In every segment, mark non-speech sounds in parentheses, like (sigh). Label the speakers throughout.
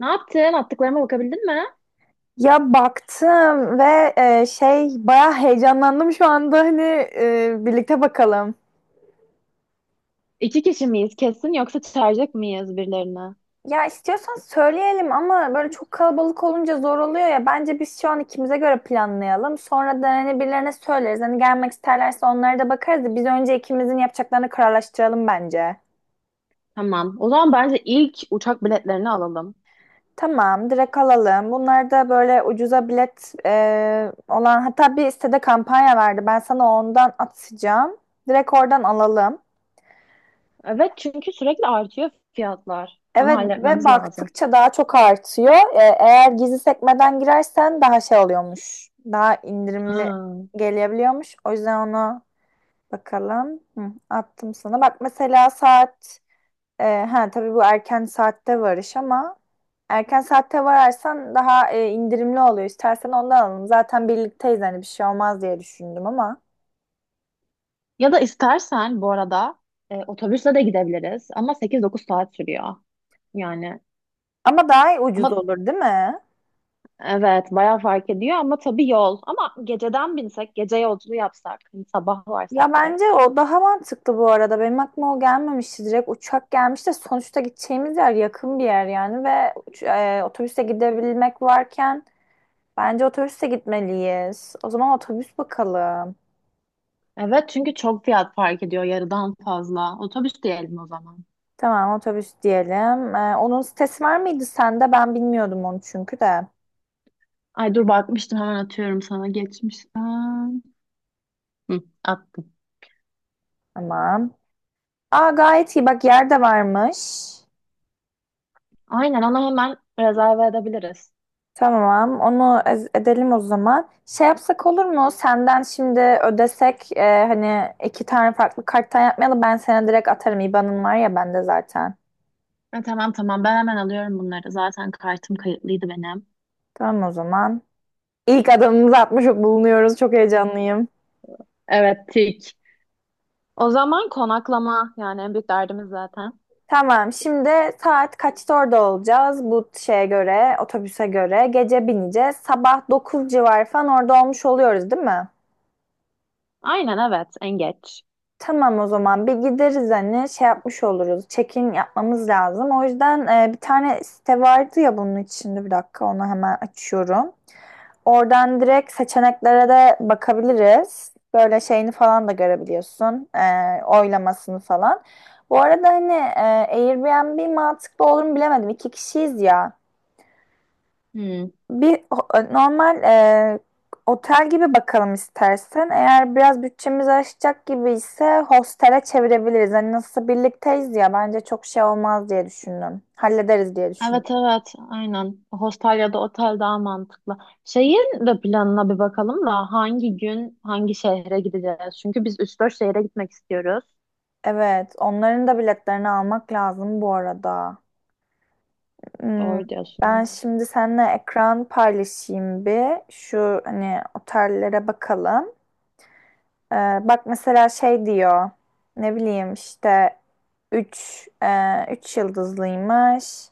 Speaker 1: Ne yaptın? Attıklarıma bakabildin mi?
Speaker 2: Ya baktım ve bayağı heyecanlandım şu anda hani birlikte bakalım.
Speaker 1: İki kişi miyiz kesin yoksa çağıracak mıyız birilerini?
Speaker 2: Ya istiyorsan söyleyelim ama böyle çok kalabalık olunca zor oluyor ya. Bence biz şu an ikimize göre planlayalım. Sonra da hani birilerine söyleriz. Hani gelmek isterlerse onlara da bakarız. Biz önce ikimizin yapacaklarını kararlaştıralım bence.
Speaker 1: Tamam. O zaman bence ilk uçak biletlerini alalım.
Speaker 2: Tamam, direkt alalım. Bunlar da böyle ucuza bilet olan hatta bir sitede kampanya verdi. Ben sana ondan atacağım. Direkt oradan alalım.
Speaker 1: Evet çünkü sürekli artıyor fiyatlar. Onu
Speaker 2: Evet ve
Speaker 1: halletmemiz lazım.
Speaker 2: baktıkça daha çok artıyor. Eğer gizli sekmeden girersen daha şey oluyormuş. Daha indirimli
Speaker 1: Hmm.
Speaker 2: gelebiliyormuş. O yüzden ona bakalım. Hı, attım sana. Bak mesela saat ha tabii bu erken saatte varış ama erken saatte vararsan daha indirimli oluyor. İstersen ondan alalım. Zaten birlikteyiz hani bir şey olmaz diye düşündüm ama.
Speaker 1: Ya da istersen bu arada otobüsle de gidebiliriz ama 8-9 saat sürüyor. Yani
Speaker 2: Ama daha ucuz
Speaker 1: ama
Speaker 2: olur değil mi?
Speaker 1: evet bayağı fark ediyor ama tabii yol. Ama geceden binsek, gece yolculuğu yapsak, hani sabah varsak
Speaker 2: Ya
Speaker 1: direkt.
Speaker 2: bence o daha mantıklı bu arada. Benim aklıma o gelmemişti. Direkt uçak gelmiş de sonuçta gideceğimiz yer yakın bir yer yani ve otobüse gidebilmek varken bence otobüse gitmeliyiz. O zaman otobüs bakalım.
Speaker 1: Evet çünkü çok fiyat fark ediyor yarıdan fazla. Otobüs diyelim o zaman.
Speaker 2: Tamam otobüs diyelim. E, onun sitesi var mıydı sende? Ben bilmiyordum onu çünkü de.
Speaker 1: Ay dur bakmıştım, hemen atıyorum sana geçmişten. Hı, attım.
Speaker 2: Tamam. Aa gayet iyi bak yer de varmış.
Speaker 1: Aynen, ona hemen rezerve edebiliriz.
Speaker 2: Tamam, edelim o zaman. Şey yapsak olur mu? Senden şimdi ödesek hani iki tane farklı karttan yapmayalım. Ben sana direkt atarım. IBAN'ın var ya bende zaten.
Speaker 1: Ha, tamam tamam, ben hemen alıyorum bunları. Zaten kartım kayıtlıydı benim.
Speaker 2: Tamam o zaman. İlk adımımızı atmış bulunuyoruz. Çok heyecanlıyım.
Speaker 1: Evet tik. O zaman konaklama yani en büyük derdimiz zaten.
Speaker 2: Tamam, şimdi saat kaçta orada olacağız? Bu şeye göre, otobüse göre. Gece bineceğiz. Sabah 9 civarı falan orada olmuş oluyoruz, değil mi?
Speaker 1: Aynen evet, en geç.
Speaker 2: Tamam o zaman bir gideriz hani şey yapmış oluruz. Check-in yapmamız lazım. O yüzden bir tane site vardı ya bunun içinde bir dakika onu hemen açıyorum. Oradan direkt seçeneklere de bakabiliriz. Böyle şeyini falan da görebiliyorsun. Oylamasını falan. Bu arada hani Airbnb mantıklı olur mu bilemedim. İki kişiyiz ya.
Speaker 1: Hı.
Speaker 2: Bir ho- Normal otel gibi bakalım istersen. Eğer biraz bütçemiz aşacak gibi ise hostele çevirebiliriz. Hani nasıl birlikteyiz ya bence çok şey olmaz diye düşündüm. Hallederiz diye düşündüm.
Speaker 1: Evet evet aynen. Hostel ya da otel daha mantıklı. Şehir de planına bir bakalım da hangi gün hangi şehre gideceğiz? Çünkü biz 3-4 şehre gitmek istiyoruz.
Speaker 2: Evet, onların da biletlerini almak lazım bu arada. Hmm,
Speaker 1: Doğru
Speaker 2: ben
Speaker 1: diyorsun.
Speaker 2: şimdi seninle ekran paylaşayım bir. Şu hani otellere bakalım. Ee, Bak mesela şey diyor. Ne bileyim işte 3 e, 3 yıldızlıymış.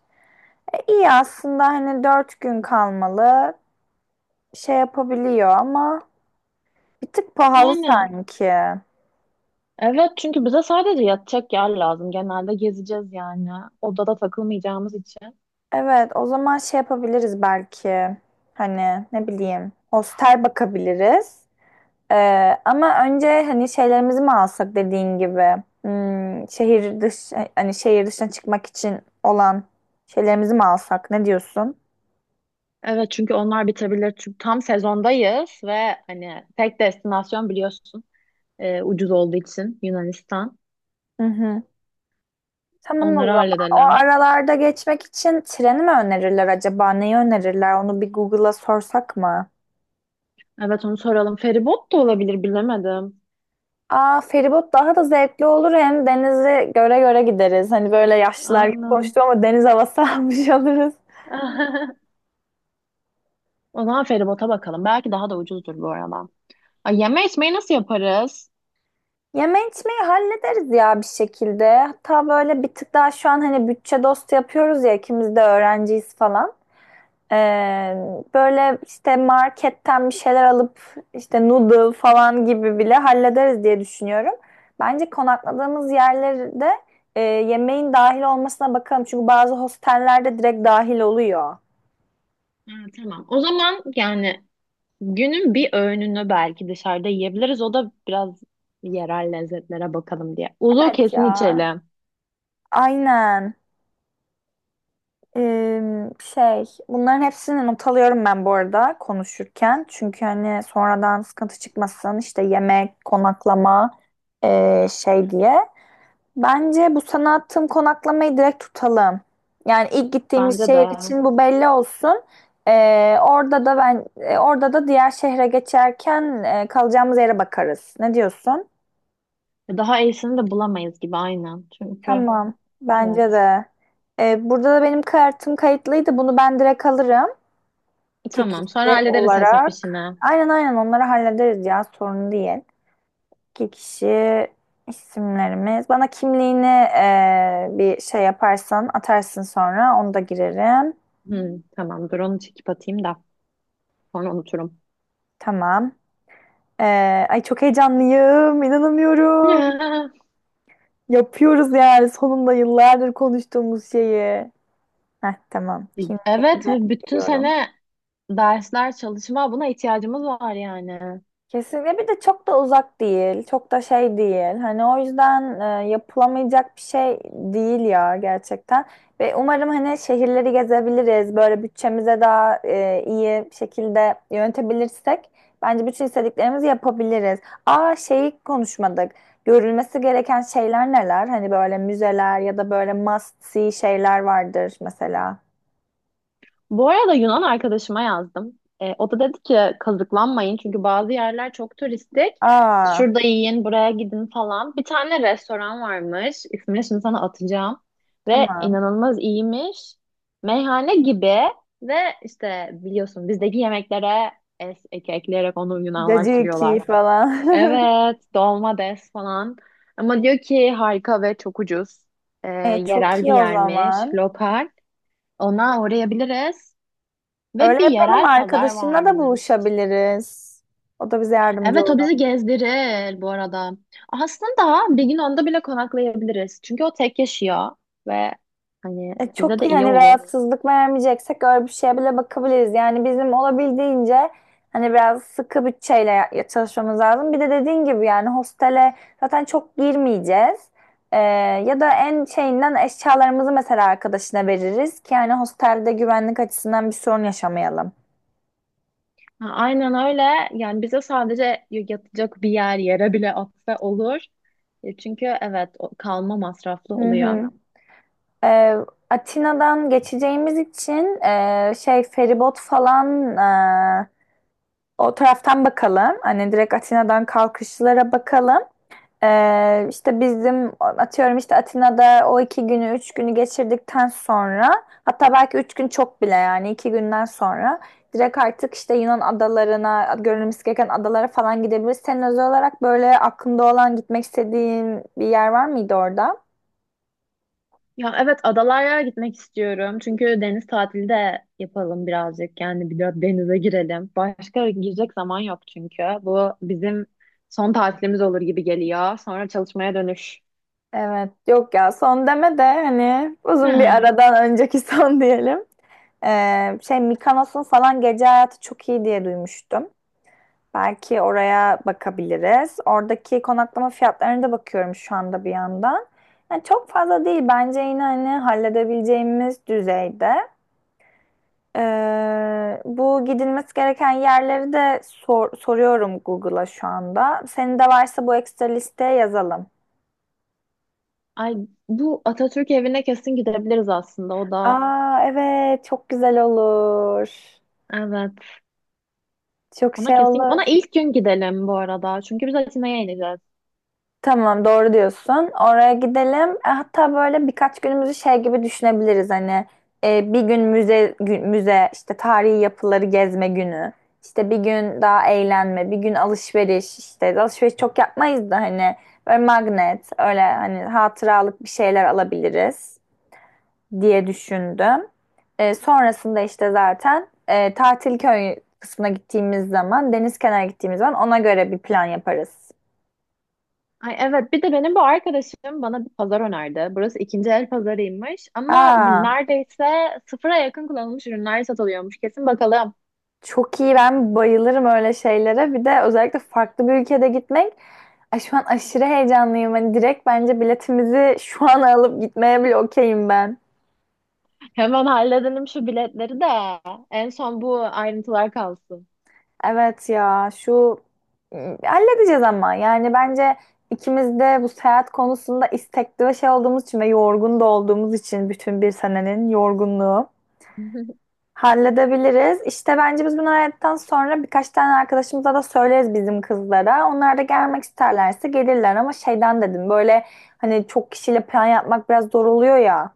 Speaker 2: İyi aslında hani dört gün kalmalı şey yapabiliyor ama bir tık pahalı
Speaker 1: Yani
Speaker 2: sanki.
Speaker 1: evet, çünkü bize sadece yatacak yer lazım. Genelde gezeceğiz yani. Odada takılmayacağımız için.
Speaker 2: Evet o zaman şey yapabiliriz belki. Hani ne bileyim hostel bakabiliriz. Ama önce hani şeylerimizi mi alsak dediğin gibi. Hmm, şehir dış hani şehir dışına çıkmak için olan şeylerimizi mi alsak ne diyorsun?
Speaker 1: Evet çünkü onlar bitebilir. Çünkü tam sezondayız ve hani tek destinasyon biliyorsun ucuz olduğu için Yunanistan.
Speaker 2: Hı hı. Tamam o
Speaker 1: Onları
Speaker 2: zaman. O
Speaker 1: halledelim.
Speaker 2: aralarda geçmek için treni mi önerirler acaba? Neyi önerirler? Onu bir Google'a sorsak mı?
Speaker 1: Evet onu soralım. Feribot da olabilir bilemedim.
Speaker 2: Aa feribot daha da zevkli olur. Hem denizi göre göre gideriz. Hani böyle yaşlılar gibi
Speaker 1: Aynen.
Speaker 2: koştu ama deniz havası (laughs) almış oluruz.
Speaker 1: (laughs) O zaman feribota bakalım. Belki daha da ucuzdur bu arada. Ay, yeme içmeyi nasıl yaparız?
Speaker 2: Yeme içmeyi hallederiz ya bir şekilde. Hatta böyle bir tık daha şu an hani bütçe dostu yapıyoruz ya ikimiz de öğrenciyiz falan. Ee, Böyle işte marketten bir şeyler alıp işte noodle falan gibi bile hallederiz diye düşünüyorum. Bence konakladığımız yerlerde yemeğin dahil olmasına bakalım. Çünkü bazı hostellerde direkt dahil oluyor.
Speaker 1: Ha, tamam. O zaman yani günün bir öğününü belki dışarıda yiyebiliriz. O da biraz yerel lezzetlere bakalım diye. Uzu
Speaker 2: Evet
Speaker 1: kesin
Speaker 2: ya.
Speaker 1: içelim.
Speaker 2: Aynen. Şey bunların hepsini not alıyorum ben bu arada konuşurken. Çünkü hani sonradan sıkıntı çıkmasın işte yemek, konaklama şey diye. Bence bu sana attığım konaklamayı direkt tutalım. Yani ilk gittiğimiz
Speaker 1: Bence
Speaker 2: şehir
Speaker 1: de.
Speaker 2: için bu belli olsun. Orada da diğer şehre geçerken kalacağımız yere bakarız. Ne diyorsun?
Speaker 1: Daha iyisini de bulamayız gibi, aynen. Çünkü
Speaker 2: Tamam. Bence
Speaker 1: evet.
Speaker 2: de. Burada da benim kartım kayıtlıydı. Bunu ben direkt alırım. İki
Speaker 1: Tamam. Sonra
Speaker 2: kişi
Speaker 1: hallederiz hesap
Speaker 2: olarak.
Speaker 1: işini.
Speaker 2: Aynen aynen onları hallederiz ya sorun değil. İki kişi isimlerimiz. Bana kimliğini bir şey yaparsan atarsın sonra onu da girerim.
Speaker 1: Hı, tamam. Dur onu çekip atayım da. Sonra unuturum.
Speaker 2: Tamam. Ay çok heyecanlıyım. İnanamıyorum.
Speaker 1: (laughs)
Speaker 2: Yapıyoruz yani sonunda yıllardır konuştuğumuz şeyi. Heh, tamam.
Speaker 1: Ya.
Speaker 2: Kimliğini
Speaker 1: Evet.
Speaker 2: de
Speaker 1: Ve bütün
Speaker 2: veriyorum.
Speaker 1: sene dersler, çalışma, buna ihtiyacımız var yani.
Speaker 2: Kesinlikle bir de çok da uzak değil, çok da şey değil. Hani o yüzden yapılamayacak bir şey değil ya gerçekten. Ve umarım hani şehirleri gezebiliriz. Böyle bütçemize daha iyi bir şekilde yönetebilirsek bence bütün istediklerimizi yapabiliriz. Aa şeyi konuşmadık. Görülmesi gereken şeyler neler? Hani böyle müzeler ya da böyle must see şeyler vardır mesela.
Speaker 1: Bu arada Yunan arkadaşıma yazdım. O da dedi ki kazıklanmayın çünkü bazı yerler çok turistik.
Speaker 2: Aa
Speaker 1: Şurada yiyin, buraya gidin falan. Bir tane restoran varmış. İsmini şimdi sana atacağım. Ve
Speaker 2: tamam.
Speaker 1: inanılmaz iyiymiş. Meyhane gibi ve işte biliyorsun bizdeki yemeklere ek ekleyerek onu Yunanlar
Speaker 2: Cacık
Speaker 1: sürüyorlar.
Speaker 2: falan. (laughs)
Speaker 1: Evet, dolma des falan. Ama diyor ki harika ve çok ucuz. Ee,
Speaker 2: E, çok
Speaker 1: yerel bir
Speaker 2: iyi o
Speaker 1: yermiş,
Speaker 2: zaman.
Speaker 1: lokal. Ona uğrayabiliriz. Ve
Speaker 2: Öyle
Speaker 1: bir
Speaker 2: yapalım
Speaker 1: yerel pazar
Speaker 2: arkadaşınla da
Speaker 1: varmış.
Speaker 2: buluşabiliriz. O da bize yardımcı
Speaker 1: Evet, o
Speaker 2: olur.
Speaker 1: bizi gezdirir bu arada. Aslında bir gün onda bile konaklayabiliriz. Çünkü o tek yaşıyor ve hani
Speaker 2: E,
Speaker 1: bize
Speaker 2: çok
Speaker 1: de
Speaker 2: iyi
Speaker 1: iyi
Speaker 2: hani
Speaker 1: olur.
Speaker 2: rahatsızlık vermeyeceksek öyle bir şeye bile bakabiliriz. Yani bizim olabildiğince hani biraz sıkı bütçeyle çalışmamız lazım. Bir de dediğin gibi yani hostele zaten çok girmeyeceğiz. E, ya da en şeyinden eşyalarımızı mesela arkadaşına veririz ki yani hostelde güvenlik açısından bir sorun yaşamayalım.
Speaker 1: Ha, aynen öyle. Yani bize sadece yatacak bir yere bile atsa olur. Çünkü evet kalma masraflı
Speaker 2: Hı
Speaker 1: oluyor.
Speaker 2: hı. Ee, Atina'dan geçeceğimiz için feribot falan e, o taraftan bakalım. Hani direkt Atina'dan kalkışlara bakalım. İşte bizim atıyorum işte Atina'da o iki günü üç günü geçirdikten sonra hatta belki üç gün çok bile yani iki günden sonra direkt artık işte Yunan adalarına görülmesi gereken adalara falan gidebiliriz. Senin özel olarak böyle aklında olan gitmek istediğin bir yer var mıydı orada?
Speaker 1: Ya evet, adalara gitmek istiyorum. Çünkü deniz tatili de yapalım birazcık. Yani bir de denize girelim. Başka girecek zaman yok çünkü. Bu bizim son tatilimiz olur gibi geliyor. Sonra çalışmaya dönüş.
Speaker 2: Evet, yok ya son deme de hani uzun bir
Speaker 1: (sighs)
Speaker 2: aradan önceki (laughs) son diyelim. Şey Mikonos'un falan gece hayatı çok iyi diye duymuştum. Belki oraya bakabiliriz. Oradaki konaklama fiyatlarına da bakıyorum şu anda bir yandan. Yani çok fazla değil bence yine hani halledebileceğimiz düzeyde. Bu gidilmesi gereken yerleri de soruyorum Google'a şu anda. Senin de varsa bu ekstra listeye yazalım.
Speaker 1: Ay, bu Atatürk evine kesin gidebiliriz aslında, o da.
Speaker 2: Aa evet çok güzel olur.
Speaker 1: Evet.
Speaker 2: Çok
Speaker 1: Ona
Speaker 2: şey
Speaker 1: kesin
Speaker 2: olur.
Speaker 1: ona ilk gün gidelim bu arada. Çünkü biz Atina'ya ineceğiz.
Speaker 2: Tamam doğru diyorsun. Oraya gidelim. E, hatta böyle birkaç günümüzü şey gibi düşünebiliriz hani bir gün müze işte tarihi yapıları gezme günü. İşte bir gün daha eğlenme, bir gün alışveriş çok yapmayız da hani böyle magnet öyle hani hatıralık bir şeyler alabiliriz. Diye düşündüm. E, sonrasında işte zaten e, Tatil köy kısmına gittiğimiz zaman, deniz kenarına gittiğimiz zaman ona göre bir plan yaparız.
Speaker 1: Ay evet, bir de benim bu arkadaşım bana bir pazar önerdi. Burası ikinci el pazarıymış ama
Speaker 2: Aa,
Speaker 1: neredeyse sıfıra yakın kullanılmış ürünler satılıyormuş. Kesin bakalım.
Speaker 2: çok iyi ben bayılırım öyle şeylere. Bir de özellikle farklı bir ülkede gitmek. Ay, şu an aşırı heyecanlıyım. Hani direkt bence biletimizi şu an (laughs) alıp gitmeye bile okeyim ben.
Speaker 1: Hemen halledelim şu biletleri de, en son bu ayrıntılar kalsın.
Speaker 2: Evet ya halledeceğiz ama yani bence ikimiz de bu seyahat konusunda istekli ve şey olduğumuz için ve yorgun da olduğumuz için bütün bir senenin yorgunluğu
Speaker 1: (laughs)
Speaker 2: halledebiliriz. İşte bence biz bunu hallettikten sonra birkaç tane arkadaşımıza da söyleriz bizim kızlara. Onlar da gelmek isterlerse gelirler ama şeyden dedim böyle hani çok kişiyle plan yapmak biraz zor oluyor ya.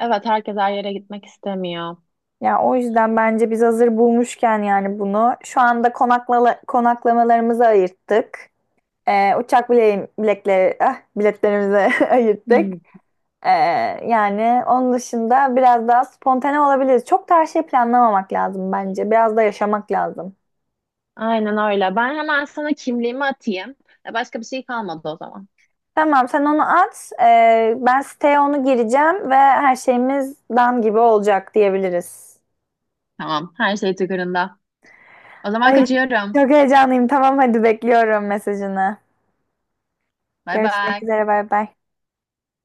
Speaker 1: Evet, herkes her yere gitmek istemiyor.
Speaker 2: Ya o yüzden bence biz hazır bulmuşken yani bunu şu anda konaklamalarımızı ayırttık. Uçak bile bilekleri, ah, Biletlerimizi (laughs) ayırttık.
Speaker 1: Hmm.
Speaker 2: Ee, Yani onun dışında biraz daha spontane olabiliriz. Çok da her şeyi planlamamak lazım bence. Biraz da yaşamak lazım.
Speaker 1: Aynen öyle. Ben hemen sana kimliğimi atayım. Başka bir şey kalmadı o zaman.
Speaker 2: Tamam, sen onu at. Ben siteye onu gireceğim ve her şeyimiz dam gibi olacak diyebiliriz.
Speaker 1: Tamam. Her şey tıkırında. O zaman
Speaker 2: Ay,
Speaker 1: kaçıyorum.
Speaker 2: çok heyecanlıyım. Tamam, hadi bekliyorum mesajını.
Speaker 1: Bay
Speaker 2: Görüşmek
Speaker 1: bay.
Speaker 2: üzere, bay bay.